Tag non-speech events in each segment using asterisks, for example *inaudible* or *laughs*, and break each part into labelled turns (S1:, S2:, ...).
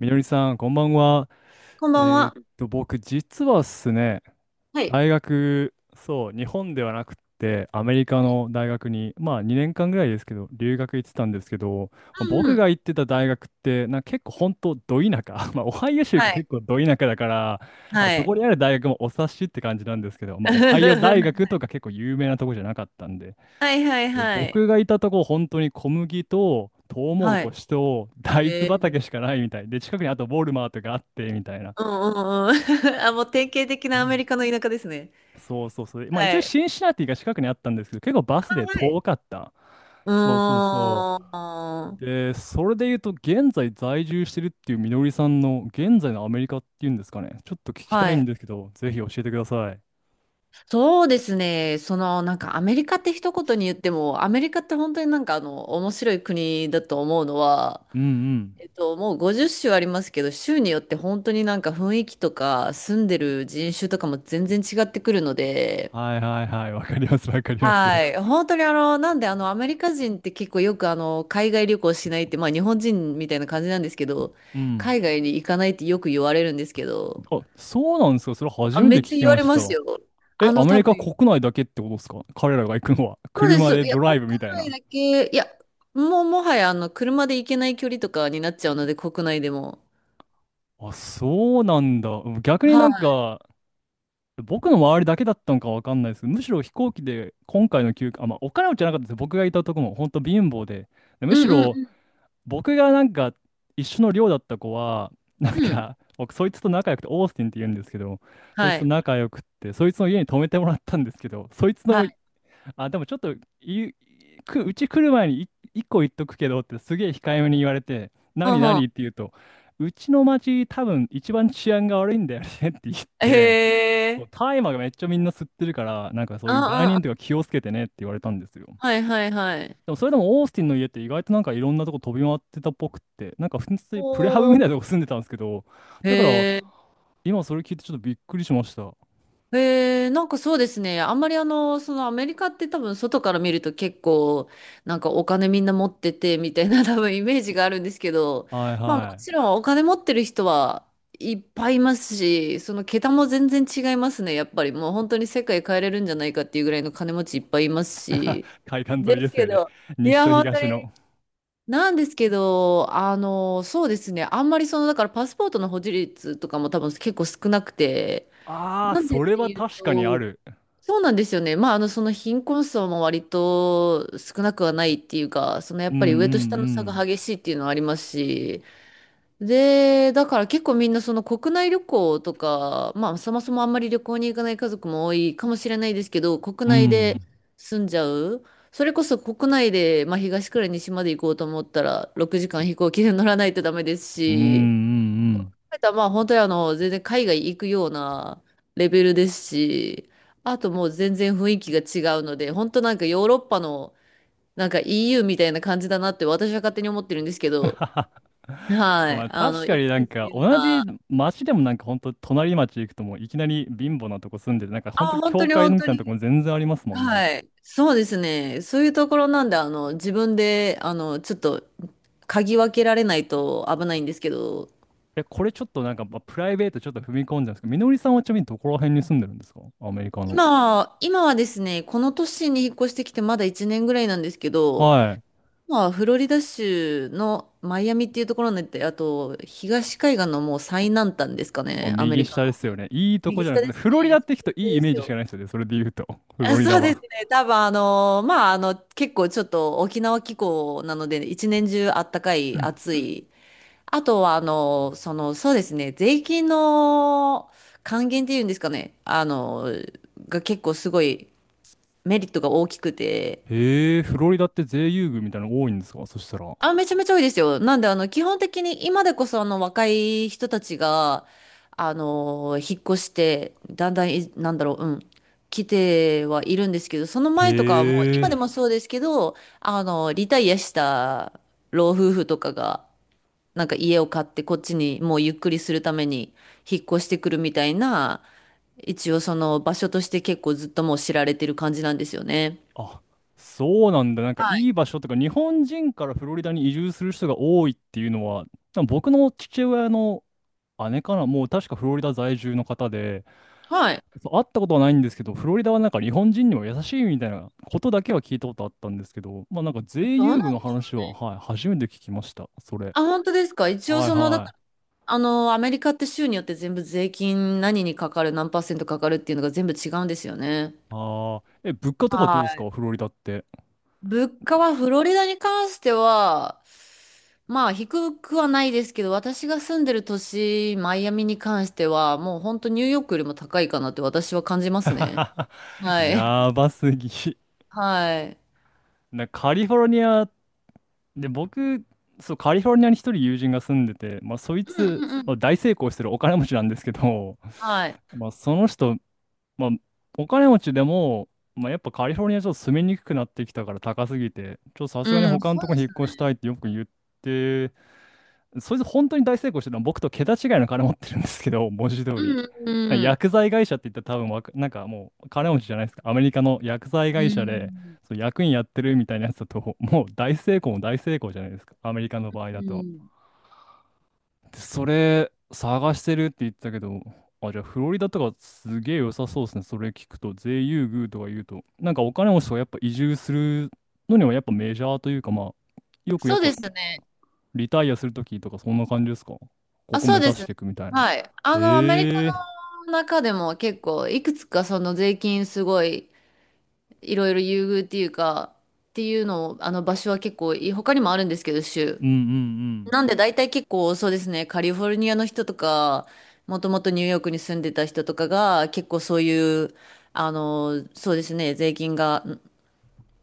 S1: みのりさん、こんばんは。
S2: こんばん
S1: え
S2: は。
S1: 僕、実はですね、
S2: はい。
S1: 大学、そう、日本ではなくって、アメリカの大学に、まあ、2年間ぐらいですけど、留学行ってたんですけど、
S2: うん
S1: 僕
S2: うん。
S1: が行ってた大学って、なんか結構、本当ど田舎、*laughs* まあ、オハイオ州
S2: は
S1: が
S2: い、
S1: 結構ど田舎だから、まあ、
S2: は
S1: そ
S2: い。
S1: こにある大学もお察しって感じなんですけど、まあ、オハイオ大学
S2: *laughs*
S1: とか結構有名なとこじゃなかったんで、
S2: はいはい
S1: で
S2: はい。
S1: 僕がいたとこ、本当に小麦と、トウモロ
S2: は
S1: コ
S2: い。
S1: シと、大豆
S2: え
S1: 畑
S2: ー、
S1: しかないみたい。で、近くにあとウォルマートがあって、みたいな。
S2: うんうんうん。*laughs* あ、もう典型的
S1: う
S2: なアメ
S1: ん。
S2: リカの田舎ですね。
S1: そうそうそう。まあ
S2: は
S1: 一応
S2: い。
S1: シンシナティが近くにあったんですけど、結構バス
S2: あ、
S1: で
S2: はい。
S1: 遠かった。
S2: う
S1: そうそうそ
S2: ー
S1: う。
S2: ん。
S1: で、それで言うと、現在在住してるっていうみのりさんの、現在のアメリカっていうんですかね。ちょっと聞きた
S2: は
S1: い
S2: い。
S1: んですけど、ぜひ教えてください。
S2: そうですね。その、なんかアメリカって一言に言っても、アメリカって本当になんかあの、面白い国だと思うのは、
S1: うんうん。
S2: もう50州ありますけど、州によって本当になんか雰囲気とか、住んでる人種とかも全然違ってくるので、
S1: はいはいはい。わかりますわかります。
S2: はい。本当にあの、なんであの、アメリカ人って結構よくあの、海外旅行しないって、まあ日本人みたいな感じなんですけど、
S1: うん。
S2: 海外に行かないってよく言われるんですけど、
S1: あ、そうなんですか。それ初
S2: あ、
S1: め
S2: め
S1: て
S2: っ
S1: 聞
S2: ちゃ
S1: き
S2: 言わ
S1: ま
S2: れ
S1: し
S2: ま
S1: た。
S2: すよ。
S1: え、
S2: あ
S1: ア
S2: の、
S1: メ
S2: 多
S1: リカ
S2: 分、
S1: 国内だけってことですか、彼らが行くのは。
S2: そうで
S1: 車
S2: す。い
S1: で
S2: や、
S1: ドラ
S2: 国
S1: イブみたい
S2: 内
S1: な。
S2: だけ、いや、もうもはやあの、車で行けない距離とかになっちゃうので、国内でも。
S1: あ、そうなんだ。逆に
S2: は
S1: なん
S2: い。
S1: か、僕の周りだけだったのかわかんないですけど、むしろ飛行機で今回の休暇、あ、まあ、お金持ちじゃなかったです。僕がいたとこも本当貧乏で。でむ
S2: う
S1: し
S2: んう
S1: ろ
S2: ん
S1: 僕がなんか一緒の寮だった子は、なん
S2: うんうん。
S1: か、僕そいつと仲良くて、オースティンって言うんですけど、そい
S2: は
S1: つと
S2: い。
S1: 仲良くって、そいつの家に泊めてもらったんですけど、そいつ
S2: は
S1: の、
S2: い。
S1: あ、でもちょっと、い、うち来る前に一個言っとくけどってすげえ控えめに言われて、
S2: う
S1: 何
S2: んうん。
S1: 何って言うと、うちの町多分一番治安が悪いんだよねって言っ
S2: へ
S1: て、そう
S2: え。
S1: 大麻がめっちゃみんな吸ってるから、なんかそういう売
S2: あ
S1: 人とか気をつけてねって言われたんですよ。
S2: あ、はいはいはい。
S1: でもそれでもオースティンの家って意外となんかいろんなとこ飛び回ってたっぽくって、なんか普通にプレハブ
S2: お
S1: みたい
S2: ー。
S1: なとこ住んでたんですけど、だから
S2: へえ。
S1: 今それ聞いてちょっとびっくりしました。は
S2: なんかそうですね。あんまりあの、そのアメリカって多分外から見ると結構、なんかお金みんな持っててみたいな *laughs* 多分イメージがあるんですけど、
S1: い
S2: まあも
S1: はい。
S2: ちろんお金持ってる人はいっぱいいますし、その桁も全然違いますね。やっぱりもう本当に世界変えれるんじゃないかっていうぐらいの金持ちいっぱいいますし。
S1: *laughs* 海岸沿
S2: で
S1: いで
S2: す
S1: す
S2: け
S1: よね。
S2: ど、い
S1: 西
S2: や、
S1: と
S2: 本当
S1: 東
S2: に。
S1: の。
S2: なんですけど、あの、そうですね。あんまりその、だからパスポートの保持率とかも多分結構少なくて、
S1: ああ、
S2: なんでっ
S1: それ
S2: て
S1: は
S2: いう
S1: 確かにあ
S2: と、
S1: る。
S2: そうなんですよね。まあ、あの、その貧困層も割と少なくはないっていうか、そのや
S1: う
S2: っぱ
S1: んう
S2: り上と下の差が
S1: ん
S2: 激しいっていうのはありますし、で、だから結構みんなその国内旅行とか、まあ、そもそもあんまり旅行に行かない家族も多いかもしれないですけど、国
S1: うん。う
S2: 内で
S1: ん。
S2: 住んじゃう。それこそ国内で、まあ、東から西まで行こうと思ったら、6時間飛行機で乗らないとダメです
S1: うんう
S2: し、
S1: んうん。
S2: たまあ本当にあの、全然海外行くようなレベルですし、あともう全然雰囲気が違うので、本当なんかヨーロッパのなんか EU みたいな感じだなって私は勝手に思ってるんですけ
S1: *laughs* はは。
S2: ど、
S1: は
S2: は
S1: ま
S2: い。
S1: あ
S2: あの、
S1: 確か
S2: 行
S1: に
S2: き
S1: な
S2: 来
S1: ん
S2: 自
S1: か
S2: 由
S1: 同じ
S2: な、
S1: 町でもなんかほんと隣町行くともういきなり貧乏なとこ住んでて、なんか
S2: あ、
S1: ほんと
S2: 本当
S1: 教
S2: に
S1: 会
S2: 本
S1: み
S2: 当
S1: たいなとこ
S2: に、
S1: も全然ありますもんね。
S2: はい。そうですね。そういうところなんで、あの、自分で、あの、ちょっと、嗅ぎ分けられないと危ないんですけど、
S1: え、これちょっとなんか、まあ、プライベートちょっと踏み込んじゃうんですけど、みのりさんはちなみにどこら辺に住んでるんですか、アメリカの。
S2: 今は、今はですね、この都市に引っ越してきてまだ1年ぐらいなんですけど、
S1: はい。
S2: まあ、フロリダ州のマイアミっていうところに行って、あと、東海岸のもう最南端ですか
S1: もう
S2: ね、アメ
S1: 右
S2: リカ
S1: 下で
S2: の。
S1: すよね。いいとこ
S2: 右
S1: じゃな
S2: 下
S1: くて、
S2: です
S1: フロリダ
S2: ね。先
S1: っ
S2: っ
S1: て聞くと
S2: ちょ
S1: いいイ
S2: で
S1: メー
S2: す
S1: ジしか
S2: よ。
S1: ないですよね。それで言うと。*laughs* フ
S2: あ、
S1: ロリダ
S2: そうです
S1: は。
S2: ね。多分、あの、まあ、あの、結構ちょっと沖縄気候なので、一年中あったか
S1: う
S2: い、
S1: ん。
S2: 暑い。あとは、あの、その、そうですね、税金の還元っていうんですかね、あの、が結構すごいメリットが大きくて、
S1: へえ、フロリダって税優遇みたいなの多いんですか、そしたら。
S2: あ、めちゃめちゃ多いですよ。なんで、あの、基本的に今でこそ、あの、若い人たちが、あの、引っ越して、だんだんい、なんだろう、うん、来てはいるんですけど、その前とかはもう、
S1: へ
S2: 今で
S1: え。
S2: もそうですけど、あの、リタイアした老夫婦とかが、なんか家を買って、こっちにもうゆっくりするために引っ越してくるみたいな、一応その場所として結構ずっともう知られてる感じなんですよね。
S1: あ、そうなんだ。なんか
S2: は
S1: い
S2: い。
S1: い場所とか、日本人からフロリダに移住する人が多いっていうのは、多分僕の父親の姉かな、もう確かフロリダ在住の方で、
S2: はい。
S1: そう、会ったことはないんですけど、フロリダはなんか日本人にも優しいみたいなことだけは聞いたことあったんですけど、まあなんか税
S2: どうな
S1: 優
S2: ん
S1: 遇の
S2: でしょ
S1: 話
S2: う
S1: は、
S2: ね。
S1: はい、初めて聞きました、それ。
S2: あ、本当ですか？一応
S1: はい
S2: その、だ
S1: は
S2: か
S1: い。
S2: らあの、アメリカって州によって全部税金何にかかる、何パーセントかかるっていうのが全部違うんですよね。
S1: ああ、え、物価とかど
S2: は
S1: うです
S2: い。
S1: か、フロリダって。
S2: 物価はフロリダに関しては、まあ低くはないですけど、私が住んでる都市、マイアミに関しては、もう本当ニューヨークよりも高いかなって私は感じますね。
S1: *laughs*
S2: はい。
S1: やばすぎ。*laughs*
S2: *laughs* はい。
S1: カリフォルニアで、僕、そう、カリフォルニアに一人友人が住んでて、まあ、そい
S2: う
S1: つ、
S2: んうんう
S1: まあ、
S2: ん。
S1: 大成功してるお金持ちなんですけど、
S2: はい。
S1: *laughs* まあ、その人、まあ、お金持ちでも、まあ、やっぱカリフォルニアちょっと住みにくくなってきたから高すぎて、ちょっとさすがに
S2: うん、
S1: 他の
S2: そ
S1: と
S2: う
S1: こ
S2: で
S1: に引っ
S2: す
S1: 越
S2: ね。
S1: したいってよく言って、そいつ本当に大成功してるのは僕と桁違いの金持ってるんですけど、*laughs* 文字通
S2: う
S1: り。
S2: ん
S1: なんか
S2: うん
S1: 薬剤会社って言ったら多分わか、なんかもう金持ちじゃないですか。アメリカの薬剤
S2: う
S1: 会社で、
S2: ん。
S1: そう役員やってるみたいなやつだと、*laughs* もう大成功も大成功じゃないですか。アメリカの場合
S2: うん。
S1: だ
S2: う
S1: と。
S2: ん。
S1: で、それ探してるって言ってたけど、あ、じゃあフロリダとかすげえ良さそうですね。それ聞くと、税優遇とか言うと、なんかお金持ちとかやっぱ移住するのにはやっぱメジャーというか、まあ、よくやっ
S2: そう
S1: ぱ
S2: ですね。
S1: リタイアするときとかそんな感じですか、こ
S2: あ、
S1: こ
S2: そ
S1: 目
S2: うで
S1: 指
S2: す
S1: し
S2: ね。
S1: ていくみたいな。
S2: はい。あの、アメリカ
S1: ええー。
S2: の中でも結構、いくつかその税金すごい、いろいろ優遇っていうか、っていうのを、あの場所は結構いい、他にもあるんですけど、州。
S1: うんうん
S2: なんで大体結構そうですね、カリフォルニアの人とか、もともとニューヨークに住んでた人とかが、結構そういう、あの、そうですね、税金がん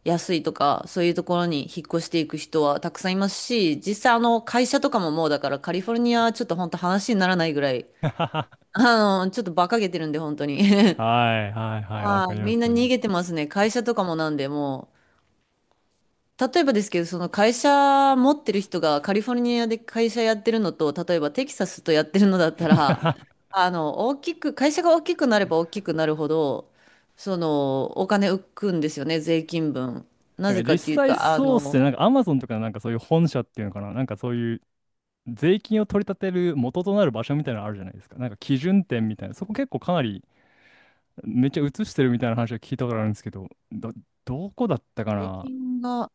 S2: 安いとか、そういうところに引っ越していく人はたくさんいますし、実際あの会社とかももうだからカリフォルニアはちょっと本当話にならないぐらい、
S1: うん。*laughs* は
S2: あの、ちょっと馬鹿げてるんで、本当に。
S1: い
S2: *laughs*
S1: はいはい、わ
S2: は
S1: か
S2: い、
S1: りま
S2: みん
S1: す。
S2: な
S1: *laughs*
S2: 逃
S1: な
S2: げてますね。会社とかもなんで、もう、例えばですけど、その会社持ってる人がカリフォルニアで会社やってるのと、例えばテキサスとやってるのだったら、あの、大きく、会社が大きくなれば大きくなるほど、その、お金浮くんですよね、税金分。
S1: ん
S2: な
S1: か
S2: ぜか
S1: 実
S2: っていう
S1: 際
S2: と、あ
S1: そうっすね。
S2: の、
S1: なんかアマゾンとかなんかそういう本社っていうのかな。なんかそういう税金を取り立てる元となる場所みたいなのあるじゃないですか。なんか基準点みたいな。そこ結構かなりめっちゃ映してるみたいな話は聞いたことあるんですけど、どこだったか
S2: 税
S1: な。
S2: 金が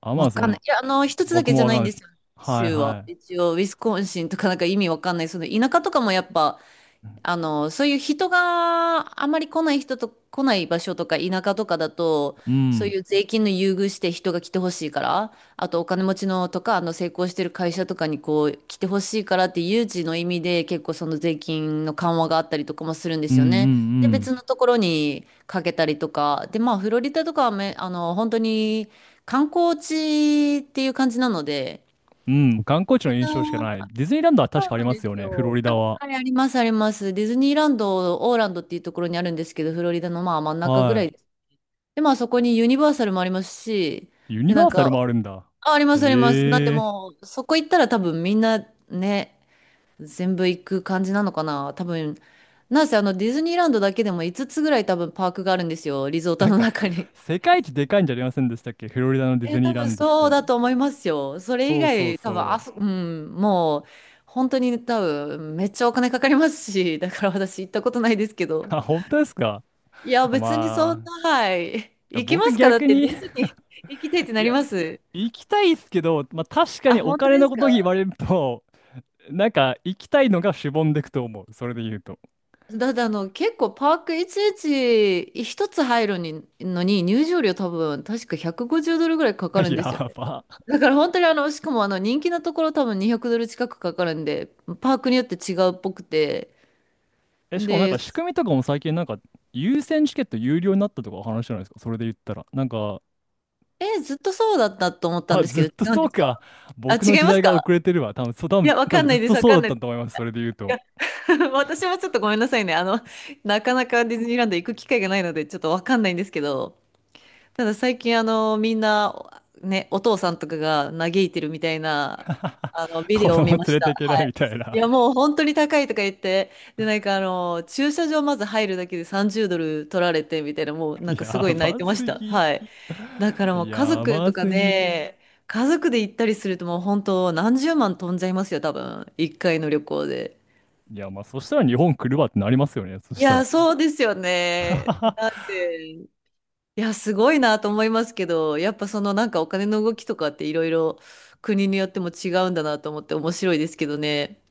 S1: ア
S2: わ
S1: マゾ
S2: かんな
S1: ン、
S2: い。いや、あの、一つだ
S1: 僕
S2: け
S1: も
S2: じゃ
S1: わ
S2: な
S1: かん
S2: い
S1: な
S2: ん
S1: いで
S2: で
S1: す。
S2: すよ、
S1: はい
S2: 州は。
S1: は
S2: 一応、ウィスコンシンとかなんか意味わかんない。その田舎とかもやっぱ、あの、そういう人があまり来ない人と来ない場所とか田舎とかだと、
S1: い。う
S2: そう
S1: ん。
S2: いう税金の優遇して人が来てほしいから、あとお金持ちのとか、あの成功してる会社とかにこう来てほしいからっていう誘致の意味で結構その税金の緩和があったりとかもするんで
S1: うんう
S2: す
S1: ん
S2: よね。
S1: う
S2: で、別
S1: ん。
S2: のところにかけたりとか、で、まあフロリダとかはめ、あの、本当に観光地っていう感じなので、
S1: うん、観光地
S2: み
S1: の
S2: ん
S1: 印象しかな
S2: な
S1: い。ディズニーランドは確
S2: そう
S1: かあり
S2: なん
S1: ま
S2: で
S1: すよ
S2: す
S1: ね、フロ
S2: よ。
S1: リ
S2: あ、
S1: ダは。
S2: はい、あります、あります。ディズニーランド、オーランドっていうところにあるんですけど、フロリダのまあ真ん中ぐら
S1: は
S2: いです。で、まあそこにユニバーサルもありますし、
S1: い。ユ
S2: で、
S1: ニ
S2: な
S1: バ
S2: ん
S1: ーサル
S2: か、
S1: もあるんだ。
S2: あ、あります、あります。なんで
S1: へえ。
S2: もう、そこ行ったら多分みんなね、全部行く感じなのかな。多分、なんせあのディズニーランドだけでも5つつぐらい多分パークがあるんですよ、リゾート
S1: なん
S2: の
S1: か、
S2: 中に。
S1: 世界一でかいんじゃありませんでしたっけ、フロリダのディ
S2: え、
S1: ズニ
S2: 多
S1: ーラ
S2: 分
S1: ンドっ
S2: そう
S1: て。
S2: だと思いますよ。それ以
S1: そうそう
S2: 外、多分
S1: そ
S2: あそ、
S1: う。
S2: うん、もう、本当に多分、めっちゃお金かかりますし、だから私行ったことないですけど。
S1: あ、本当ですか。
S2: いや、
S1: あ、
S2: 別にそん
S1: ま
S2: な、はい。
S1: あ、
S2: 行き
S1: 僕
S2: ますか？だっ
S1: 逆
S2: て、
S1: に
S2: ディズ
S1: *laughs*
S2: ニー *laughs* 行きたいって
S1: い
S2: なり
S1: や、
S2: ます。
S1: 行きたいっすけど、まあ確か
S2: あ、
S1: にお
S2: 本当
S1: 金
S2: で
S1: の
S2: す
S1: こと言
S2: か？
S1: われると、なんか行きたいのがしぼんでくと思う。それで言うと。
S2: だってあの、結構パークいちいち一つ入るにのに入場料多分、確か$150ぐらいかか
S1: *laughs*
S2: るんですよ
S1: や
S2: ね。
S1: ば。
S2: だから本当にあの、しかもあの、人気なところ多分$200近くかかるんで、パークによって違うっぽくて、
S1: え、しかもなん
S2: で、
S1: か仕組みとかも最近なんか優先チケット有料になったとかお話じゃないですか。それで言ったら。なんか、
S2: え、ずっとそうだったと思ったん
S1: あ、
S2: です
S1: ず
S2: け
S1: っ
S2: ど、
S1: と
S2: 違うん
S1: そ
S2: で
S1: う
S2: す
S1: か。
S2: か？あ、
S1: 僕の
S2: 違い
S1: 時
S2: ます
S1: 代が遅
S2: か？
S1: れてるわ。多分、そう、多
S2: い
S1: 分、
S2: や、わ
S1: 多
S2: か
S1: 分
S2: んな
S1: ずっ
S2: いで
S1: と
S2: す、わ
S1: そう
S2: か
S1: だ
S2: ん
S1: っ
S2: ない
S1: た
S2: です。
S1: と思います。それで言う
S2: い
S1: と。
S2: や、*laughs* 私もちょっとごめんなさいね。あの、なかなかディズニーランド行く機会がないので、ちょっとわかんないんですけど、ただ最近、あの、みんな、ね、お父さんとかが嘆いてるみたいな、あの、ビ
S1: 子
S2: デオを
S1: 供
S2: 見
S1: 連
S2: まし
S1: れ
S2: た。
S1: て
S2: は
S1: いけないみ
S2: い。
S1: たい
S2: い
S1: な。
S2: や、もう本当に高いとか言って、で、なんかあの、駐車場まず入るだけで$30取られて、みたいな、もうなん
S1: *laughs*
S2: かす
S1: や
S2: ごい泣い
S1: ば
S2: てまし
S1: す
S2: た。
S1: ぎ。
S2: はい。だからもう家
S1: や
S2: 族
S1: ば
S2: とか
S1: すぎ。
S2: ね、家族で行ったりするともう本当何十万飛んじゃいますよ、多分。一回の旅行で。
S1: いや、まあそしたら日本来るわってなりますよね。そ
S2: い
S1: したら。
S2: や、そうですよね。な
S1: *laughs*
S2: んで、いや、すごいなと思いますけど、やっぱそのなんかお金の動きとかっていろいろ国によっても違うんだなと思って面白いですけどね。